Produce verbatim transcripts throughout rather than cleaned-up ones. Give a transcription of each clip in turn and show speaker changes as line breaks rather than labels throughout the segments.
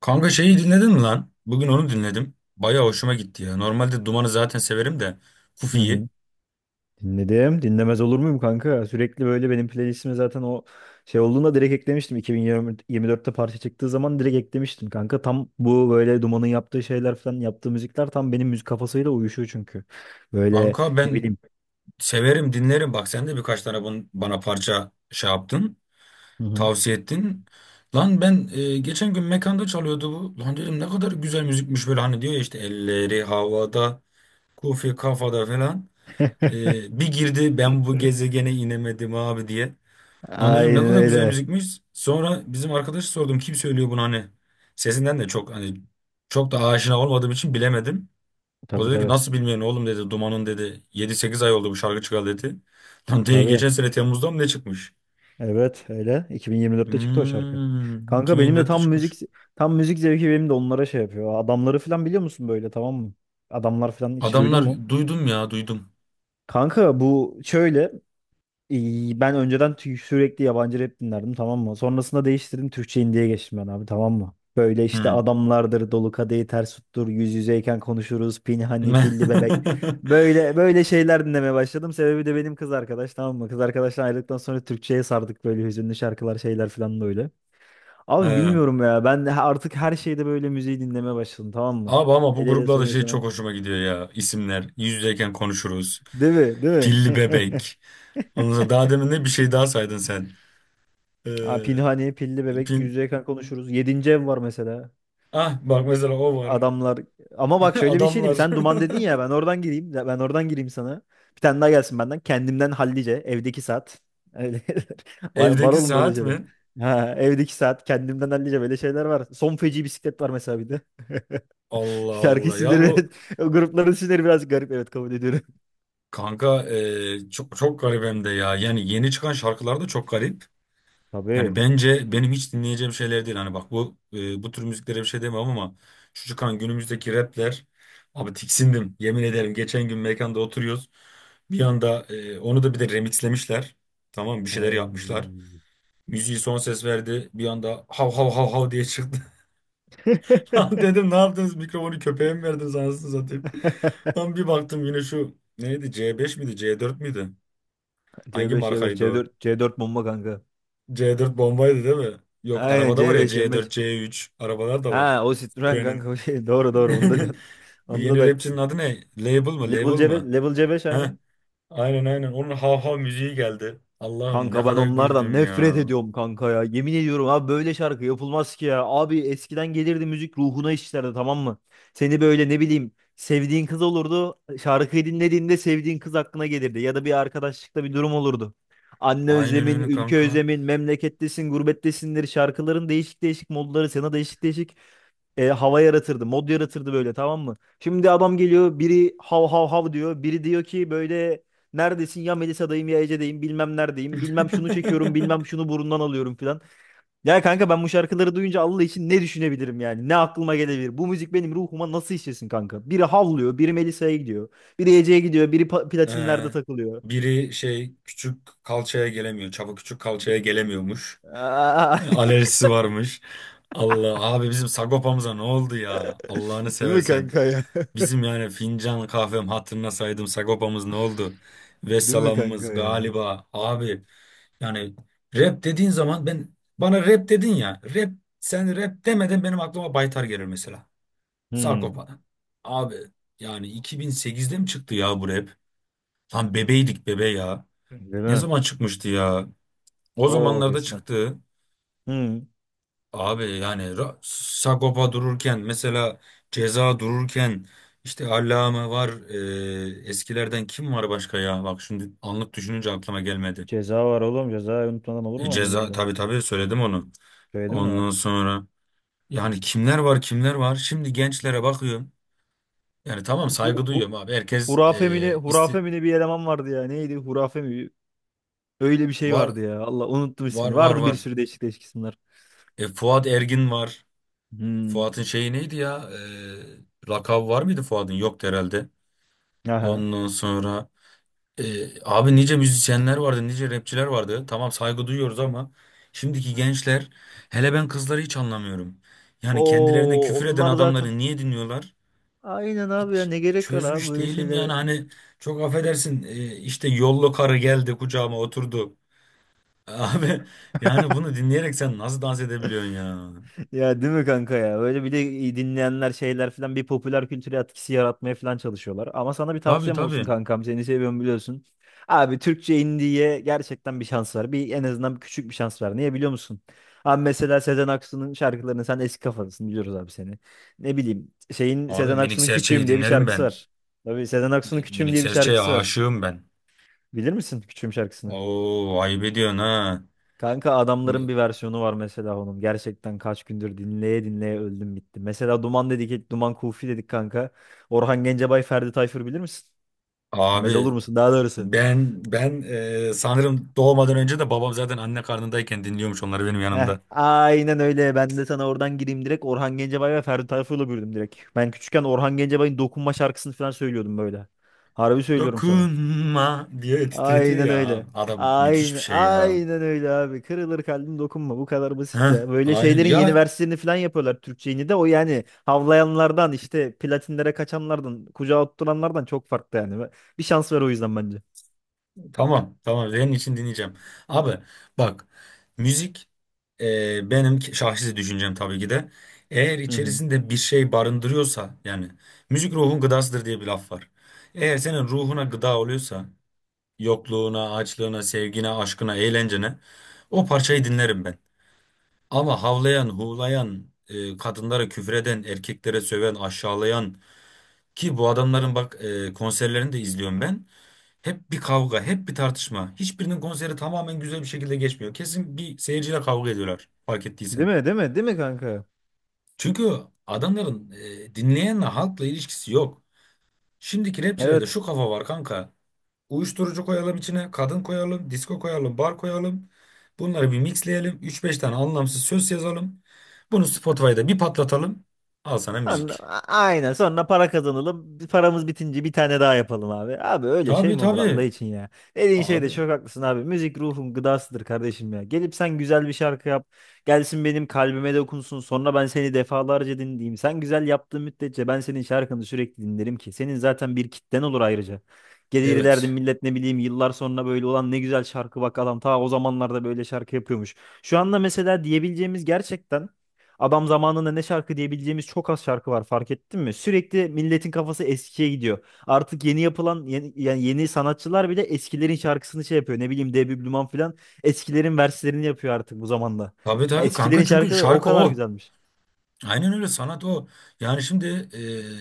Kanka şeyi dinledin mi lan? Bugün onu dinledim. Baya hoşuma gitti ya. Normalde Duman'ı zaten severim de
Hı
Kufi'yi.
hı. Dinledim. Dinlemez olur muyum kanka? Sürekli böyle benim playlistime zaten o şey olduğunda direkt eklemiştim. iki bin yirmi dörtte parça çıktığı zaman direkt eklemiştim kanka. Tam bu böyle Duman'ın yaptığı şeyler falan yaptığı müzikler tam benim müzik kafasıyla uyuşuyor çünkü. Böyle
Kanka
ne
ben
bileyim.
severim dinlerim. Bak sen de birkaç tane bun- bana parça şey yaptın.
Hı hı.
Tavsiye ettin. Lan ben e, geçen gün mekanda çalıyordu bu. Lan dedim ne kadar güzel müzikmiş böyle hani diyor ya işte elleri havada, Kufi kafada falan. E, bir girdi ben bu gezegene inemedim abi diye. Lan dedim ne
Aynen
kadar güzel
öyle.
müzikmiş. Sonra bizim arkadaşı sordum kim söylüyor bunu hani. Sesinden de çok hani çok da aşina olmadığım için bilemedim. O
Tabii
dedi ki
tabii.
nasıl bilmiyorsun oğlum dedi. Duman'ın dedi yedi sekiz ay oldu bu şarkı çıkalı dedi. Lan dedi
Tabii.
geçen sene Temmuz'da mı ne çıkmış?
Evet öyle. iki bin yirmi dörtte çıktı o şarkı.
Hmm,
Kanka benim de
iki bin yirmi dörtte
tam
çıkmış.
müzik tam müzik zevki benim de onlara şey yapıyor. Adamları falan biliyor musun böyle tamam mı? Adamlar falan hiç duydun mu?
Adamlar duydum ya duydum.
Kanka bu şöyle e, ben önceden tü- sürekli yabancı rap dinlerdim tamam mı? Sonrasında değiştirdim Türkçe indie'ye geçtim ben abi tamam mı? Böyle işte
Hmm.
adamlardır dolu kadehi ters tuttur yüz yüzeyken konuşuruz pinhani pilli bebek böyle böyle şeyler dinlemeye başladım. Sebebi de benim kız arkadaş tamam mı? Kız arkadaştan ayrıldıktan sonra Türkçe'ye sardık böyle hüzünlü şarkılar şeyler falan böyle. Abi
He.
bilmiyorum ya ben de artık her şeyde böyle müziği dinlemeye başladım tamam mı?
Abi ama bu
Hele hele son
gruplarda şey çok
yaşanan.
hoşuma gidiyor ya. İsimler. Yüz yüzeyken konuşuruz.
Değil mi? Değil mi?
Pilli bebek. Ondan sonra daha demin de bir şey daha saydın sen. Ee,
Aa, Pinhani, Pilli Bebek,
pin...
Yüzde Yakın konuşuruz. Yedinci ev var mesela.
Ah bak mesela o var.
Adamlar. Ama bak şöyle bir şey diyeyim.
Adamlar.
Sen Duman dedin ya ben oradan gireyim. Ben oradan gireyim sana. Bir tane daha gelsin benden. Kendimden hallice. Evdeki saat. Öyle. Var, var
Evdeki
oğlum böyle
saat
şeyler.
mi?
Ha, evdeki saat. Kendimden hallice böyle şeyler var. Son feci bisiklet var mesela bir de.
Allah
Şarkı
Allah ya
isimleri,
bu
o grupların isimleri biraz garip. Evet kabul ediyorum.
kanka e, çok çok garip hem de ya. Yani yeni çıkan şarkılar da çok garip. Yani
Tabii.
bence benim hiç dinleyeceğim şeyler değil. Hani bak bu e, bu tür müziklere bir şey demem ama şu çıkan günümüzdeki rapler abi tiksindim. Yemin ederim geçen gün mekanda oturuyoruz. Bir anda e, onu da bir de remixlemişler. Tamam bir şeyler yapmışlar.
Ay.
Yüz son ses verdi. Bir anda hav hav hav hav diye çıktı. Lan dedim ne yaptınız? Mikrofonu köpeğe mi verdiniz anasını satayım? Lan bir baktım yine şu neydi? C beş miydi? C dört müydü? Hangi
C beş, C beş, c beş,
markaydı
C
o?
dört C dört bomba kanka.
C dört bombaydı değil mi? Yok
Aynen
arabada var ya
C beş,
C dört,
C beş.
C üç arabalar da var.
Ha o Citroen
Benim.
kanka o şey. Doğru doğru onu da diyorsun.
Bu
Onda da
yeni rapçinin
haklısın.
adı ne? Label mı?
Level
Label
C beş,
mı?
Level C beş
Heh.
aynen.
Aynen aynen. Onun hav hav müziği geldi. Allah'ım ne
Kanka ben
kadar
onlardan
güldüm
nefret
ya.
ediyorum kanka ya. Yemin ediyorum abi böyle şarkı yapılmaz ki ya. Abi eskiden gelirdi müzik ruhuna işlerdi tamam mı? Seni böyle ne bileyim sevdiğin kız olurdu. Şarkıyı dinlediğinde sevdiğin kız aklına gelirdi. Ya da bir arkadaşlıkta bir durum olurdu. Anne
Aynen
özlemin,
öyle
ülke
kanka.
özlemin, memlekettesin, gurbettesindir şarkıların değişik değişik modları sana değişik değişik e, hava yaratırdı. Mod yaratırdı böyle tamam mı? Şimdi adam geliyor biri hav hav hav diyor. Biri diyor ki böyle neredesin ya Melisa'dayım ya Ece'deyim bilmem neredeyim. Bilmem şunu çekiyorum bilmem şunu burundan alıyorum filan. Ya kanka ben bu şarkıları duyunca Allah için ne düşünebilirim yani? Ne aklıma gelebilir? Bu müzik benim ruhuma nasıl işlesin kanka? Biri havlıyor, biri Melisa'ya gidiyor. Biri Ece'ye gidiyor, biri pa- platinlerde
Ee,
takılıyor.
biri şey küçük kalçaya gelemiyor. Çapa küçük kalçaya gelemiyormuş.
Aa!
Alerjisi varmış. Allah abi bizim Sagopa'mıza ne oldu ya? Allah'ını
Değil mi
seversen.
kanka ya?
Bizim yani fincan kahvem hatırına saydım Sagopa'mız ne oldu?
Değil mi kanka
Vesselam'ımız
ya?
galiba abi. Yani rap dediğin zaman ben bana rap dedin ya. Rap sen rap demeden benim aklıma Baytar gelir mesela.
Hmm.
Sagopa'dan. Abi yani iki bin sekizde mi çıktı ya bu rap? Lan bebeydik bebe ya.
Değil
Ne
mi?
zaman çıkmıştı ya? O
Çok
zamanlarda
eskiden.
çıktı.
Hmm.
Abi yani Ra- Sagopa dururken mesela Ceza dururken işte Allame var. e, eskilerden kim var başka ya? Bak şimdi anlık düşününce aklıma gelmedi.
Ceza var oğlum. Cezayı unutmadan olur
E,
mu? Allah
Ceza
Allah.
tabii tabii söyledim onu.
Söyledim mi? Ha?
Ondan sonra yani kimler var kimler var? Şimdi gençlere bakıyorum. Yani tamam
Hu,
saygı
hu,
duyuyorum abi. Herkes
hurafe mi ne?
e, isti
Hurafe mi ne bir eleman vardı ya. Neydi? Hurafe mi? Öyle bir şey
var
vardı ya. Allah unuttum
var
ismini.
var
Vardı bir
var.
sürü değişik değişik isimler.
E, Fuat Ergin var.
Hmm.
Fuat'ın şeyi neydi ya? Ee, lakabı var mıydı Fuat'ın? Yoktu herhalde.
Aha.
Ondan sonra e, abi nice müzisyenler vardı, nice rapçiler vardı. Tamam saygı duyuyoruz ama şimdiki gençler hele ben kızları hiç anlamıyorum. Yani kendilerine
Oo
küfür eden
onlar zaten.
adamları niye dinliyorlar?
Aynen abi ya
Hiç
ne gerek var abi
çözmüş
böyle
değilim yani
şeylere.
hani çok affedersin e, işte yollu karı geldi kucağıma oturdu. Abi yani bunu dinleyerek sen nasıl dans edebiliyorsun ya?
Ya değil mi kanka ya? Böyle bir de iyi dinleyenler şeyler falan bir popüler kültüre etkisi yaratmaya falan çalışıyorlar. Ama sana bir
Tabii
tavsiyem
tabii.
olsun kankam. Seni seviyorum biliyorsun. Abi Türkçe indiye gerçekten bir şans var. Bir en azından bir küçük bir şans var. Niye biliyor musun? Abi mesela Sezen Aksu'nun şarkılarını sen eski kafalısın biliyoruz abi seni. Ne bileyim şeyin
Abi
Sezen
Minik
Aksu'nun
Serçe'yi
Küçüğüm diye bir
dinlerim
şarkısı
ben.
var. Tabii Sezen Aksu'nun Küçüğüm
Melik
diye bir
Serçe'ye
şarkısı var.
aşığım ben.
Bilir misin Küçüğüm şarkısını?
Oo ayıp ediyorsun ha.
Kanka adamların bir versiyonu var mesela onun. Gerçekten kaç gündür dinleye dinleye öldüm bitti. Mesela Duman dedik, Duman Kufi dedik kanka. Orhan Gencebay, Ferdi Tayfur bilir misin? Bilmez olur
Abi
musun daha doğrusu.
ben ben e, sanırım doğmadan önce de babam zaten anne karnındayken dinliyormuş onları benim
Heh,
yanımda.
aynen öyle. Ben de sana oradan gireyim direkt. Orhan Gencebay ve Ferdi Tayfur'la büyüdüm direkt. Ben küçükken Orhan Gencebay'ın Dokunma şarkısını falan söylüyordum böyle. Harbi söylüyorum sana.
Dokunma diye titretiyor
Aynen
ya.
öyle.
Adam müthiş bir
Aynen,
şey ya.
aynen öyle abi. Kırılır kalbim dokunma. Bu kadar basit
Heh,
ya. Böyle
aynen.
şeylerin yeni
Ya
versiyonunu falan yapıyorlar Türkçe'yi de. O yani havlayanlardan işte platinlere kaçanlardan, kucağa oturanlardan çok farklı yani. Bir şans ver o yüzden bence.
tamam, tamam. Senin için dinleyeceğim. Abi bak müzik e, benim ki- şahsi düşüncem tabii ki de. Eğer
Hı hı.
içerisinde bir şey barındırıyorsa yani müzik ruhun gıdasıdır diye bir laf var. Eğer senin ruhuna gıda oluyorsa yokluğuna, açlığına, sevgine, aşkına, eğlencene o parçayı dinlerim ben. Ama havlayan, huğlayan, e, kadınlara küfreden, erkeklere söven, aşağılayan ki bu adamların bak e, konserlerini de izliyorum ben. Hep bir kavga, hep bir tartışma. Hiçbirinin konseri tamamen güzel bir şekilde geçmiyor. Kesin bir seyirciyle kavga ediyorlar, fark
Değil
ettiysen.
mi? Değil mi? Değil mi kanka?
Çünkü adamların e, dinleyenle, halkla ilişkisi yok. Şimdiki rapçilerde
Evet.
şu kafa var kanka. Uyuşturucu koyalım içine, kadın koyalım, disco koyalım, bar koyalım. Bunları bir mixleyelim. Üç beş tane anlamsız söz yazalım. Bunu Spotify'da bir patlatalım. Al sana
Sonra-
müzik.
a- Aynen sonra para kazanalım. Paramız bitince bir tane daha yapalım abi. Abi öyle şey
Tabii
mi olur Allah
tabii.
için ya. Dediğin şeyde
Abi
çok haklısın abi. Müzik ruhun gıdasıdır kardeşim ya. Gelip sen güzel bir şarkı yap. Gelsin benim kalbime dokunsun. Sonra ben seni defalarca dinleyeyim. Sen güzel yaptığın müddetçe ben senin şarkını sürekli dinlerim ki. Senin zaten bir kitlen olur ayrıca. Gelir derdim
evet.
millet ne bileyim yıllar sonra böyle olan ne güzel şarkı bak adam ta o zamanlarda böyle şarkı yapıyormuş. Şu anda mesela diyebileceğimiz gerçekten adam zamanında ne şarkı diyebileceğimiz çok az şarkı var fark ettin mi? Sürekli milletin kafası eskiye gidiyor. Artık yeni yapılan yeni, yani yeni sanatçılar bile eskilerin şarkısını şey yapıyor. Ne bileyim Debi Blüman falan eskilerin verslerini yapıyor artık bu zamanda.
Tabii
Ya
tabii kanka
eskilerin
çünkü
şarkıları o
şarkı
kadar
o.
güzelmiş.
Aynen öyle sanat o. Yani şimdi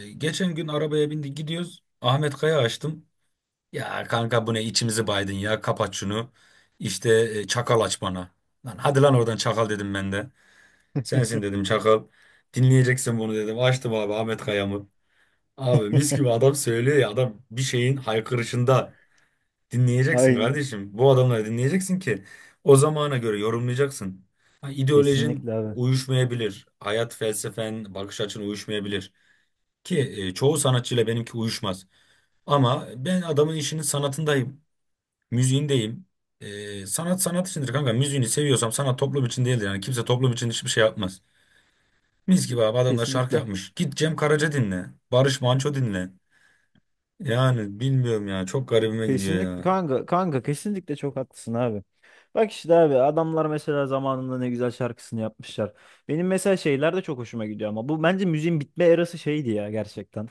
e, geçen gün arabaya bindik gidiyoruz. Ahmet Kaya açtım. Ya kanka bu ne içimizi baydın ya kapat şunu. İşte e, çakal aç bana. Lan hadi lan oradan çakal dedim ben de. Sensin dedim çakal. Dinleyeceksin bunu dedim. Açtım abi Ahmet Kaya'mı. Abi mis gibi adam söylüyor ya adam bir şeyin haykırışında. Dinleyeceksin
Aynen.
kardeşim. Bu adamları dinleyeceksin ki o zamana göre yorumlayacaksın. Ha, ideolojin
Kesinlikle abi.
uyuşmayabilir. Hayat felsefen, bakış açın uyuşmayabilir. Ki e, çoğu sanatçıyla benimki uyuşmaz. Ama ben adamın işinin sanatındayım. Müziğindeyim. E, sanat sanat içindir kanka. Müziğini seviyorsam sanat toplum için değildir. Yani kimse toplum için hiçbir şey yapmaz. Mis gibi abi adamlar şarkı
Kesinlikle.
yapmış. Git Cem Karaca dinle. Barış Manço dinle. Yani bilmiyorum ya. Çok garibime gidiyor
Kesinlikle
ya.
kanka kanka kesinlikle çok haklısın abi. Bak işte abi adamlar mesela zamanında ne güzel şarkısını yapmışlar. Benim mesela şeyler de çok hoşuma gidiyor ama bu bence müziğin bitme erası şeydi ya gerçekten.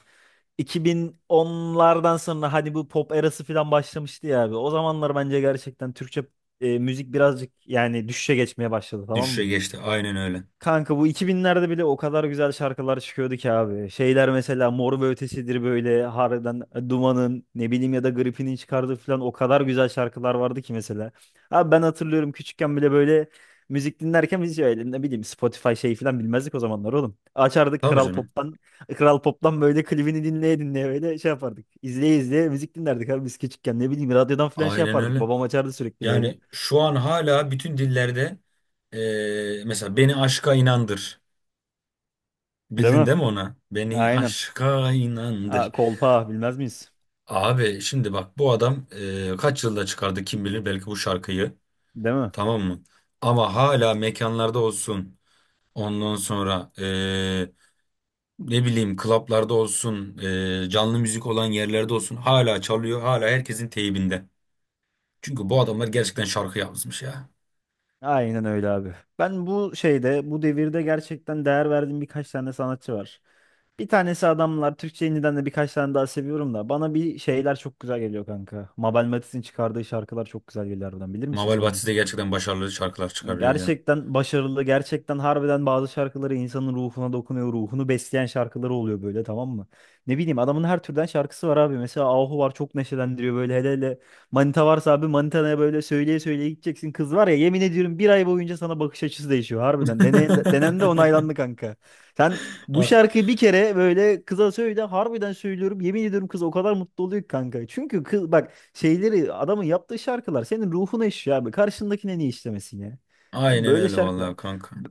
iki bin onlardan sonra hani bu pop erası falan başlamıştı ya abi. O zamanlar bence gerçekten Türkçe e, müzik birazcık yani düşüşe geçmeye başladı tamam
Düşüşe
mı?
geçti. Aynen öyle.
Kanka bu iki binlerde bile o kadar güzel şarkılar çıkıyordu ki abi. Şeyler mesela Mor ve Ötesi'dir böyle harbiden e, Duman'ın ne bileyim ya da Gripin'in çıkardığı falan o kadar güzel şarkılar vardı ki mesela. Abi ben hatırlıyorum küçükken bile böyle müzik dinlerken biz öyle ne bileyim Spotify şey falan bilmezdik o zamanlar oğlum. Açardık
Tabii
Kral
canım.
Pop'tan Kral Pop'tan böyle klibini dinleye dinleye böyle şey yapardık. İzleye izleye müzik dinlerdik abi biz küçükken ne bileyim radyodan falan şey
Aynen
yapardık.
öyle.
Babam açardı sürekli böyle.
Yani şu an hala bütün dillerde eee, mesela beni aşka inandır.
Değil
Bildin
mi?
değil mi ona? Beni
Aynen.
aşka
Aa,
inandır.
kolpa bilmez miyiz?
Abi şimdi bak bu adam eee, kaç yılda çıkardı kim bilir belki bu şarkıyı.
Değil mi?
Tamam mı? Ama hala mekanlarda olsun. Ondan sonra eee, ne bileyim klaplarda olsun. eee, canlı müzik olan yerlerde olsun. Hala çalıyor. Hala herkesin teybinde. Çünkü bu adamlar gerçekten şarkı yazmış ya.
Aynen öyle abi. Ben bu şeyde, bu devirde gerçekten değer verdiğim birkaç tane sanatçı var. Bir tanesi adamlar. Türkçe indiden de birkaç tane daha seviyorum da. Bana bir şeyler çok güzel geliyor kanka. Mabel Matiz'in çıkardığı şarkılar çok güzel geliyor harbiden. Bilir misin
Mabel
sen onu?
Batiste de gerçekten başarılı şarkılar çıkarıyor ya.
Gerçekten başarılı, gerçekten harbiden bazı şarkıları insanın ruhuna dokunuyor, ruhunu besleyen şarkıları oluyor böyle tamam mı? Ne bileyim adamın her türden şarkısı var abi. Mesela Ahu var çok neşelendiriyor böyle hele hele. Manita varsa abi manitanaya böyle söyleye söyleye gideceksin. Kız var ya yemin ediyorum bir ay boyunca sana bakış açısı değişiyor harbiden. Deneyen de, denen de onaylandı kanka. Sen bu
A-
şarkıyı bir kere böyle kıza söyle harbiden söylüyorum yemin ediyorum kız o kadar mutlu oluyor ki kanka. Çünkü kız bak şeyleri adamın yaptığı şarkılar senin ruhuna işliyor abi. Karşındakine niye işlemesin ya? Ya
Aynen
böyle
öyle
şarkılar.
vallahi kanka.
b-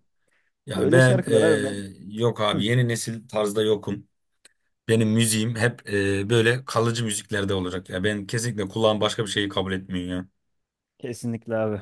Ya
Böyle
ben e,
şarkılar harbiden.
yok
Hı,
abi yeni nesil tarzda yokum. Benim müziğim hep e, böyle kalıcı müziklerde olacak ya. Ben kesinlikle kulağım başka bir şeyi kabul etmiyor
kesinlikle abi.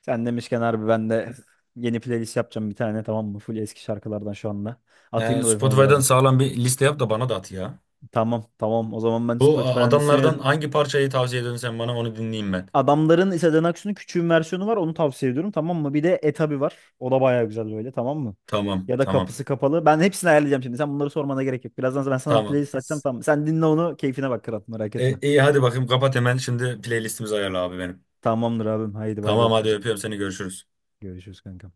Sen demişken harbi ben de yeni playlist yapacağım bir tane tamam mı? Full eski şarkılardan şu anda.
ya.
Atayım
E,
mı ben sana
Spotify'dan
birazdan?
sağlam bir liste yap da bana da at ya.
Tamam tamam. O zaman ben
Bu e,
Spotify'dan listemi
adamlardan
yapayım.
hangi parçayı tavsiye ediyorsun sen bana onu dinleyeyim ben.
Adamların Sezen Aksu'nun küçüğün versiyonu var. Onu tavsiye ediyorum tamam mı? Bir de Etabi var. O da baya güzel böyle tamam mı?
Tamam
Ya da
tamam
kapısı kapalı. Ben hepsini ayarlayacağım şimdi. Sen bunları sormana gerek yok. Birazdan ben sana bir
tamam.
playlist açacağım tamam mı? Sen dinle onu. Keyfine bak kral merak
E,
etme.
iyi hadi bakayım kapat hemen şimdi playlistimizi ayarla abi benim.
Tamamdır abim. Haydi bay bay
Tamam
öptüm
hadi
seni.
öpüyorum seni görüşürüz.
Görüşürüz kanka.